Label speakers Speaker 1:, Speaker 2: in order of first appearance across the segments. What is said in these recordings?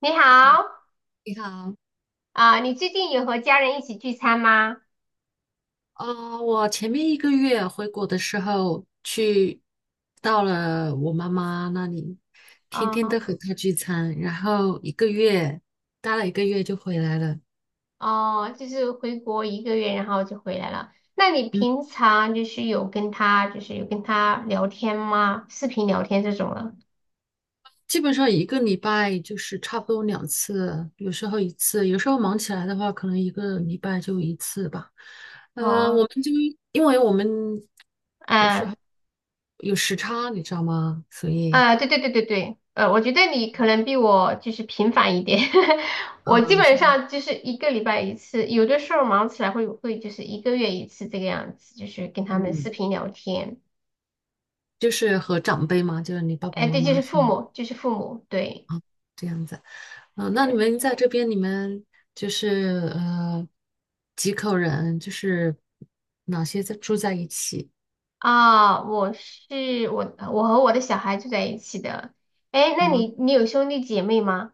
Speaker 1: 你
Speaker 2: 好，
Speaker 1: 好，
Speaker 2: 你好，
Speaker 1: 啊、你最近有和家人一起聚餐吗？
Speaker 2: 我前面一个月回国的时候去到了我妈妈那里，天天
Speaker 1: 哦、
Speaker 2: 都和她聚餐，然后一个月待了一个月就回来了。
Speaker 1: 哦，就是回国一个月，然后就回来了。那你
Speaker 2: 嗯，
Speaker 1: 平常就是有跟他聊天吗？视频聊天这种了？
Speaker 2: 基本上一个礼拜就是差不多两次，有时候一次，有时候忙起来的话，可能一个礼拜就一次吧。我
Speaker 1: 哦，
Speaker 2: 们就因为我们有时
Speaker 1: 嗯，
Speaker 2: 候有时差，你知道吗？所以，
Speaker 1: 对对对对对，我觉得你可能比我就是频繁一点，我基
Speaker 2: 啊，
Speaker 1: 本
Speaker 2: 是
Speaker 1: 上就是一个礼拜一次，有的时候忙起来会就是一个月一次这个样子，就是跟他们视
Speaker 2: 嗯。
Speaker 1: 频聊天。
Speaker 2: 就是和长辈嘛，就是你爸爸
Speaker 1: 哎，
Speaker 2: 妈
Speaker 1: 对，就
Speaker 2: 妈
Speaker 1: 是
Speaker 2: 是
Speaker 1: 父
Speaker 2: 吗？
Speaker 1: 母，就是父母，对。
Speaker 2: 这样子。嗯，那你们在这边，你们就是呃几口人，就是哪些在住在一起
Speaker 1: 啊，我和我的小孩住在一起的。哎，那
Speaker 2: 啊？
Speaker 1: 你有兄弟姐妹吗？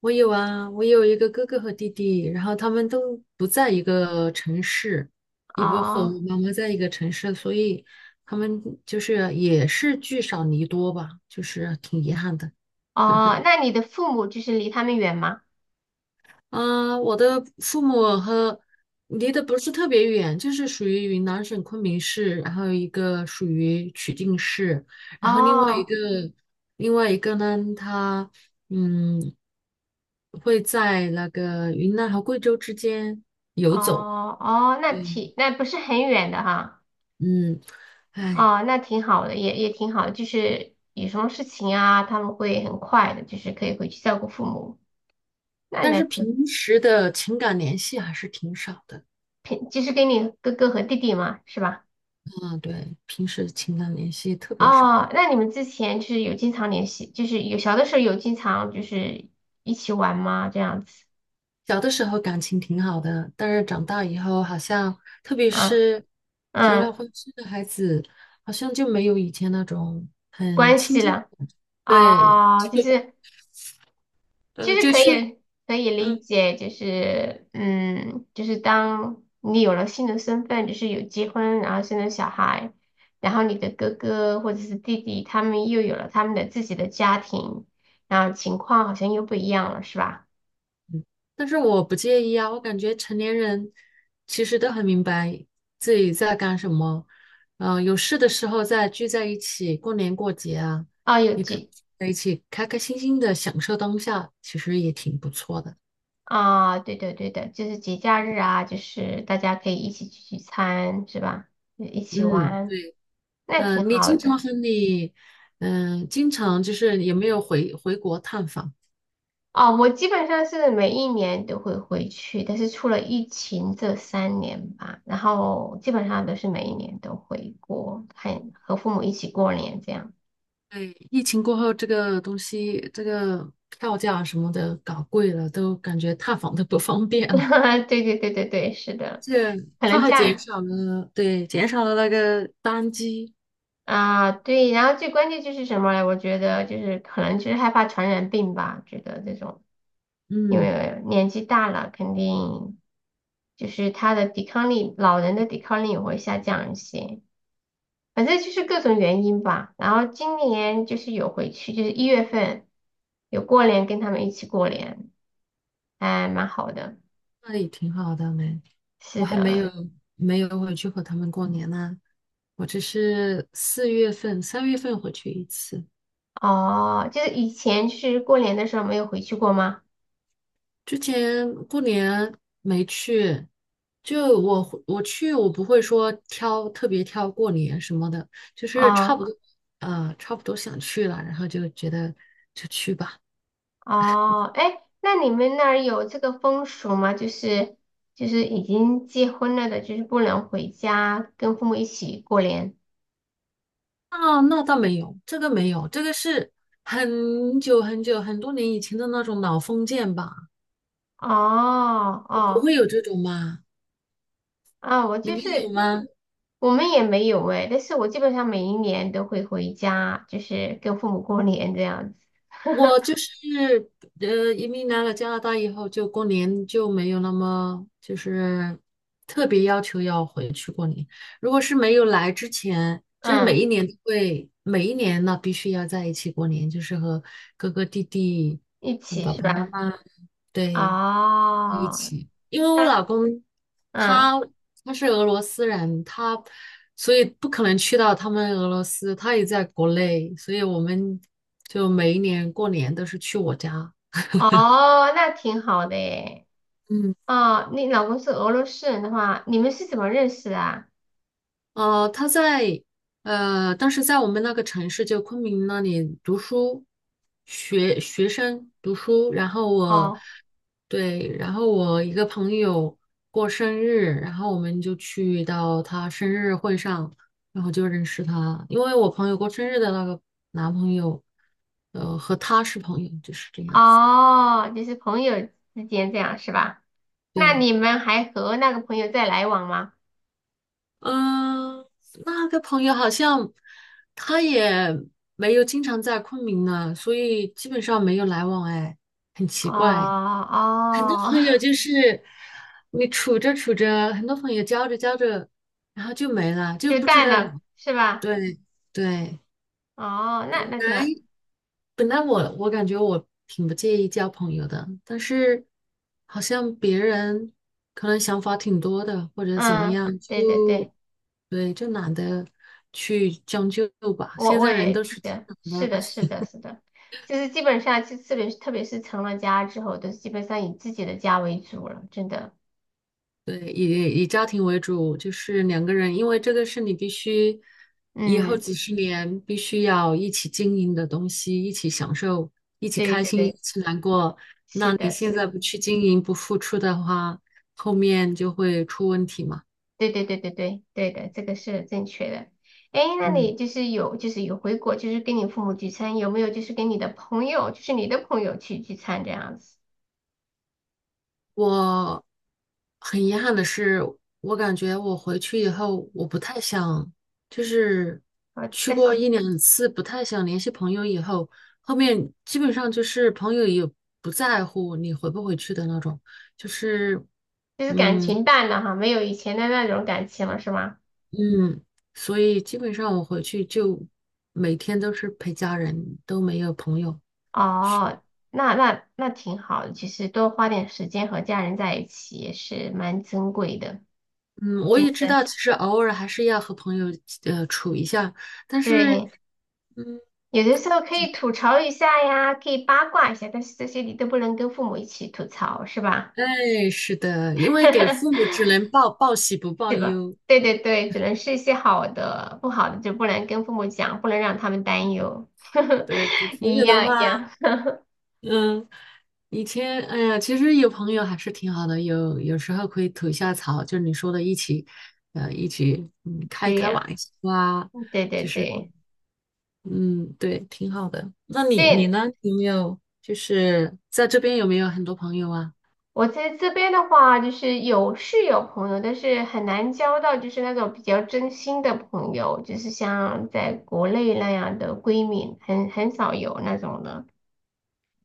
Speaker 2: 我有啊，我有一个哥哥和弟弟，然后他们都不在一个城市，也不和
Speaker 1: 哦
Speaker 2: 妈妈在一个城市，所以他们就是也是聚少离多吧，就是挺遗憾的。
Speaker 1: 哦，那你的父母就是离他们远吗？
Speaker 2: 啊，我的父母和离得不是特别远，就是属于云南省昆明市，然后一个属于曲靖市，然后
Speaker 1: 哦
Speaker 2: 另外一个呢，他嗯会在那个云南和贵州之间游走。
Speaker 1: 哦哦，那
Speaker 2: 对，
Speaker 1: 挺那不是很远的哈。
Speaker 2: 嗯，哎，
Speaker 1: 哦，那挺好的，也挺好的就是有什么事情啊，他们会很快的，就是可以回去照顾父母。那
Speaker 2: 但
Speaker 1: 那
Speaker 2: 是平时的情感联系还是挺少的。
Speaker 1: 平就是给你哥哥和弟弟嘛，是吧？
Speaker 2: 嗯，对，平时情感联系特别少。
Speaker 1: 哦，那你们之前就是有经常联系，就是有小的时候有经常就是一起玩吗？这样子
Speaker 2: 小的时候感情挺好的，但是长大以后好像，特别
Speaker 1: 啊，
Speaker 2: 是结了
Speaker 1: 嗯，
Speaker 2: 婚生了孩子，好像就没有以前那种很
Speaker 1: 关
Speaker 2: 亲
Speaker 1: 系
Speaker 2: 近。
Speaker 1: 了，
Speaker 2: 对，
Speaker 1: 哦，就是其
Speaker 2: 呃，
Speaker 1: 实
Speaker 2: 就
Speaker 1: 可
Speaker 2: 去，
Speaker 1: 以可以理
Speaker 2: 嗯，
Speaker 1: 解，就是嗯，就是当你有了新的身份，就是有结婚，然后生了小孩，然后你的哥哥或者是弟弟，他们又有了他们的自己的家庭，然后情况好像又不一样了，是吧？
Speaker 2: 但是我不介意啊，我感觉成年人其实都很明白自己在干什么，嗯，有事的时候再聚在一起，过年过节啊，
Speaker 1: 哦，有
Speaker 2: 也可以
Speaker 1: 几
Speaker 2: 在一起开开心心的享受当下，其实也挺不错的。
Speaker 1: 啊，对的对的，就是节假日啊，就是大家可以一起聚聚餐，是吧？一起
Speaker 2: 嗯，
Speaker 1: 玩，
Speaker 2: 对。
Speaker 1: 那挺
Speaker 2: 嗯，你
Speaker 1: 好
Speaker 2: 经
Speaker 1: 的。
Speaker 2: 常和你，嗯，经常就是有没有回国探访？
Speaker 1: 哦，我基本上是每一年都会回去，但是出了疫情这三年吧，然后基本上都是每一年都回国，看和父母一起过年这样。
Speaker 2: 对，疫情过后，这个东西，这个票价什么的搞贵了，都感觉探访都不方便了。
Speaker 1: 对对对对对，是的，
Speaker 2: 这
Speaker 1: 可
Speaker 2: 他
Speaker 1: 能这
Speaker 2: 还减
Speaker 1: 样
Speaker 2: 少了，对，减少了那个单机，
Speaker 1: 啊，对，然后最关键就是什么呢？我觉得就是可能就是害怕传染病吧，觉得这种。因
Speaker 2: 嗯，
Speaker 1: 为年纪大了，肯定就是他的抵抗力，老人的抵抗力也会下降一些。反正就是各种原因吧。然后今年就是有回去，就是一月份有过年，跟他们一起过年，还蛮好的。
Speaker 2: 那也挺好的没。
Speaker 1: 是
Speaker 2: 我还没有
Speaker 1: 的，
Speaker 2: 没有回去和他们过年呢，我只是四月份、三月份回去一次。
Speaker 1: 哦，就是以前就是过年的时候没有回去过吗？
Speaker 2: 之前过年没去，就我会我去，我不会说挑特别挑过年什么的，就是差
Speaker 1: 哦
Speaker 2: 不多，差不多想去了，然后就觉得就去吧。
Speaker 1: 哦，哎，那你们那儿有这个风俗吗？就是就是已经结婚了的，就是不能回家跟父母一起过年。
Speaker 2: 啊，那倒没有，这个没有，这个是很久很久很多年以前的那种老封建吧，
Speaker 1: 哦
Speaker 2: 你不
Speaker 1: 哦
Speaker 2: 会有这种吗？
Speaker 1: 啊，我
Speaker 2: 你
Speaker 1: 就
Speaker 2: 们有
Speaker 1: 是
Speaker 2: 吗？
Speaker 1: 我们也没有哎，但是我基本上每一年都会回家，就是跟父母过年这样子，
Speaker 2: 我就是移民来了加拿大以后，就过年就没有那么就是特别要求要回去过年。如果是没有来之前，就是每
Speaker 1: 嗯，
Speaker 2: 一年都会，每一年呢必须要在一起过年，就是和哥哥弟弟、
Speaker 1: 一
Speaker 2: 嗯
Speaker 1: 起
Speaker 2: 爸
Speaker 1: 是
Speaker 2: 爸妈
Speaker 1: 吧？
Speaker 2: 妈，对。一
Speaker 1: 哦，
Speaker 2: 起，因为我
Speaker 1: 那
Speaker 2: 老公
Speaker 1: 嗯
Speaker 2: 他他是俄罗斯人，他所以不可能去到他们俄罗斯，他也在国内，所以我们就每一年过年都是去我家。
Speaker 1: 哦，那挺好的诶。
Speaker 2: 嗯。
Speaker 1: 哦，你老公是俄罗斯人的话，你们是怎么认识的啊？
Speaker 2: 呃，他在当时在我们那个城市，就昆明那里读书，学生读书。然后我，
Speaker 1: 哦
Speaker 2: 对，然后我一个朋友过生日，然后我们就去到他生日会上，然后就认识他。因为我朋友过生日的那个男朋友，和他是朋友，就是这样子。
Speaker 1: 哦，就是朋友之间这样是吧？那
Speaker 2: 对，
Speaker 1: 你们还和那个朋友在来往吗？
Speaker 2: 嗯，那个朋友好像他也没有经常在昆明呢，所以基本上没有来往，哎，很奇
Speaker 1: 哦
Speaker 2: 怪。很多
Speaker 1: 哦，
Speaker 2: 朋友 就是你处着处着，很多朋友交着交着，然后就没了，就
Speaker 1: 就
Speaker 2: 不知
Speaker 1: 淡
Speaker 2: 道
Speaker 1: 了，
Speaker 2: 哪
Speaker 1: 是吧？
Speaker 2: 对对
Speaker 1: 哦，
Speaker 2: 本
Speaker 1: 那那挺
Speaker 2: 来
Speaker 1: 好。
Speaker 2: 本来我感觉我挺不介意交朋友的，但是好像别人可能想法挺多的，或者怎么
Speaker 1: 嗯，
Speaker 2: 样，就
Speaker 1: 对对对，
Speaker 2: 对，就懒得去将就吧。
Speaker 1: 我
Speaker 2: 现
Speaker 1: 我
Speaker 2: 在人
Speaker 1: 也
Speaker 2: 都
Speaker 1: 记
Speaker 2: 是挺
Speaker 1: 得，是
Speaker 2: 懒的，
Speaker 1: 的，是的，是的，就是基本上，就特别是成了家之后，都是基本上以自己的家为主了，真的。
Speaker 2: 对，以家庭为主，就是两个人，因为这个是你必须以后
Speaker 1: 嗯，
Speaker 2: 几十年必须要一起经营的东西，一起享受，一起
Speaker 1: 对
Speaker 2: 开
Speaker 1: 对
Speaker 2: 心，一
Speaker 1: 对，
Speaker 2: 起难过。
Speaker 1: 是
Speaker 2: 那你
Speaker 1: 的，是
Speaker 2: 现
Speaker 1: 的
Speaker 2: 在不去经营，不付出的话，后面就会出问题嘛。
Speaker 1: 对对对对对对的，这个是正确的。哎，那
Speaker 2: 嗯。
Speaker 1: 你就是有回国，就是跟你父母聚餐，有没有就是跟你的朋友，就是你的朋友去聚餐这样子？
Speaker 2: 我很遗憾的是，我感觉我回去以后，我不太想，就是
Speaker 1: 啊，
Speaker 2: 去
Speaker 1: 但
Speaker 2: 过
Speaker 1: 是
Speaker 2: 一两次，不太想联系朋友以后，后面基本上就是朋友也不在乎你回不回去的那种，就是，
Speaker 1: 就是感
Speaker 2: 嗯
Speaker 1: 情淡了哈，没有以前的那种感情了，是吗？
Speaker 2: 嗯，所以基本上我回去就每天都是陪家人，都没有朋友去。
Speaker 1: 哦，那那那挺好的，其实多花点时间和家人在一起也是蛮珍贵的，
Speaker 2: 嗯，我
Speaker 1: 真
Speaker 2: 也知
Speaker 1: 的。
Speaker 2: 道，其实偶尔还是要和朋友处一下，但是。
Speaker 1: 对，
Speaker 2: 嗯。
Speaker 1: 有的时候可以吐槽一下呀，可以八卦一下，但是这些你都不能跟父母一起吐槽，是吧？
Speaker 2: 哎，是的，因为给父母只 能报报喜不报忧，
Speaker 1: 对对对，只能是一些好的，不好的就不能跟父母讲，不能让他们担忧。
Speaker 2: 对，给 朋
Speaker 1: 一
Speaker 2: 友的
Speaker 1: 样一
Speaker 2: 话，
Speaker 1: 样，
Speaker 2: 嗯，以前，哎呀，其实有朋友还是挺好的，有时候可以吐一下槽，就是你说的，一起，嗯，开
Speaker 1: 对
Speaker 2: 开玩
Speaker 1: 呀，
Speaker 2: 笑啊，
Speaker 1: 对对
Speaker 2: 就是，
Speaker 1: 对
Speaker 2: 嗯，对，挺好的。那你你
Speaker 1: 对，
Speaker 2: 呢？有没有就是在这边有没有很多朋友啊？
Speaker 1: 我在这边的话，就是有朋友，但是很难交到就是那种比较真心的朋友，就是像在国内那样的闺蜜，很少有那种的。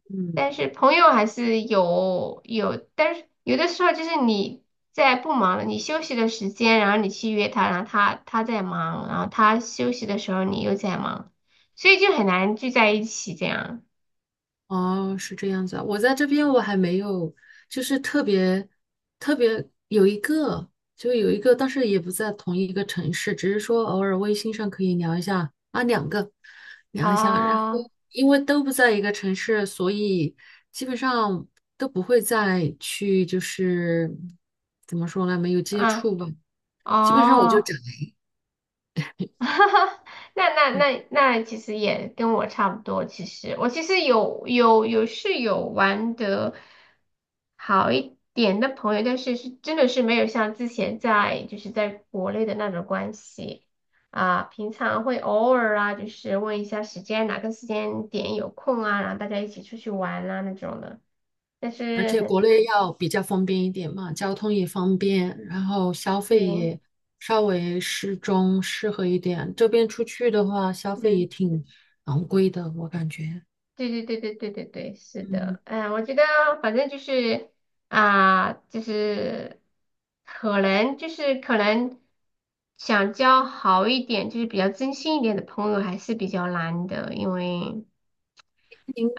Speaker 2: 嗯。
Speaker 1: 但是朋友还是有，但是有的时候就是你在不忙，你休息的时间，然后你去约他，然后他在忙，然后他休息的时候你又在忙，所以就很难聚在一起这样。
Speaker 2: 哦，是这样子啊。我在这边我还没有，就是特别特别有一个，有一个，但是也不在同一个城市，只是说偶尔微信上可以聊一下啊，两个聊一下。然后
Speaker 1: 哦，
Speaker 2: 因为都不在一个城市，所以基本上都不会再去，就是怎么说呢，没有接
Speaker 1: 啊，
Speaker 2: 触吧。基本上我就
Speaker 1: 哦。
Speaker 2: 只
Speaker 1: 哈哈，那那那那其实也跟我差不多。其实我其实有玩的好一点的朋友，但是真的是没有像之前在就是在国内的那种关系啊。平常会偶尔啊，就是问一下时间，哪个时间点有空啊，然后大家一起出去玩啊那种的。但是很
Speaker 2: 国内要比较方便一点嘛，交通也方便，然后消费
Speaker 1: 对，
Speaker 2: 也稍微适中，适合一点。这边出去的话，消费也
Speaker 1: 嗯。
Speaker 2: 挺昂贵的，我感觉。
Speaker 1: 对对对对对对对，是
Speaker 2: 嗯，
Speaker 1: 的，嗯，我觉得反正就是啊、就是可能想交好一点，就是比较真心一点的朋友还是比较难的，因为
Speaker 2: 您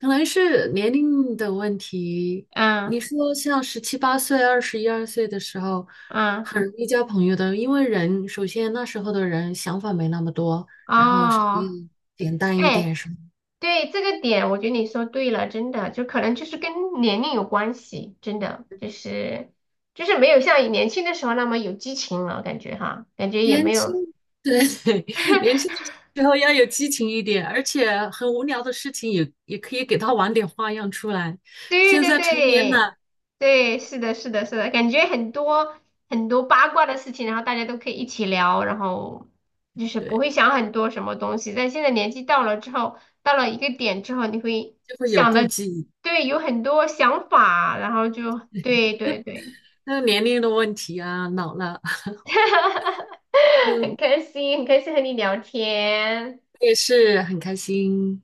Speaker 2: 可能是年龄的问题。
Speaker 1: 嗯
Speaker 2: 你说像17、8岁、21、2岁的时候，
Speaker 1: 嗯
Speaker 2: 很容易交朋友的，因为人首先那时候的人想法没那么多，然后稍
Speaker 1: 哦，
Speaker 2: 微简单一
Speaker 1: 哎，
Speaker 2: 点什么。
Speaker 1: 对这个点，我觉得你说对了，真的，就可能就是跟年龄有关系，真的就是就是没有像年轻的时候那么有激情了，感觉哈，感觉也
Speaker 2: 年
Speaker 1: 没
Speaker 2: 轻，
Speaker 1: 有。
Speaker 2: 对，年轻的时候要有激情一点，而且很无聊的事情也也可以给他玩点花样出来。
Speaker 1: 对
Speaker 2: 现
Speaker 1: 对
Speaker 2: 在成年
Speaker 1: 对
Speaker 2: 了，
Speaker 1: 对，是的，是的，是的，感觉很多八卦的事情，然后大家都可以一起聊，然后就是不
Speaker 2: 对，
Speaker 1: 会想很多什么东西。但现在年纪到了之后，到了一个点之后，你会
Speaker 2: 就会有
Speaker 1: 想
Speaker 2: 顾
Speaker 1: 的，
Speaker 2: 忌，
Speaker 1: 对，有很多想法，然后就对对对，
Speaker 2: 那年龄的问题啊，老了，
Speaker 1: 很
Speaker 2: 嗯，
Speaker 1: 开心，很开心和你聊天。
Speaker 2: 我也是很开心。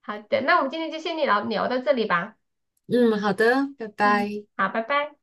Speaker 1: 好的，那我们今天就先聊聊到这里吧。
Speaker 2: 嗯，好的，拜
Speaker 1: 嗯，
Speaker 2: 拜。
Speaker 1: 好，拜拜。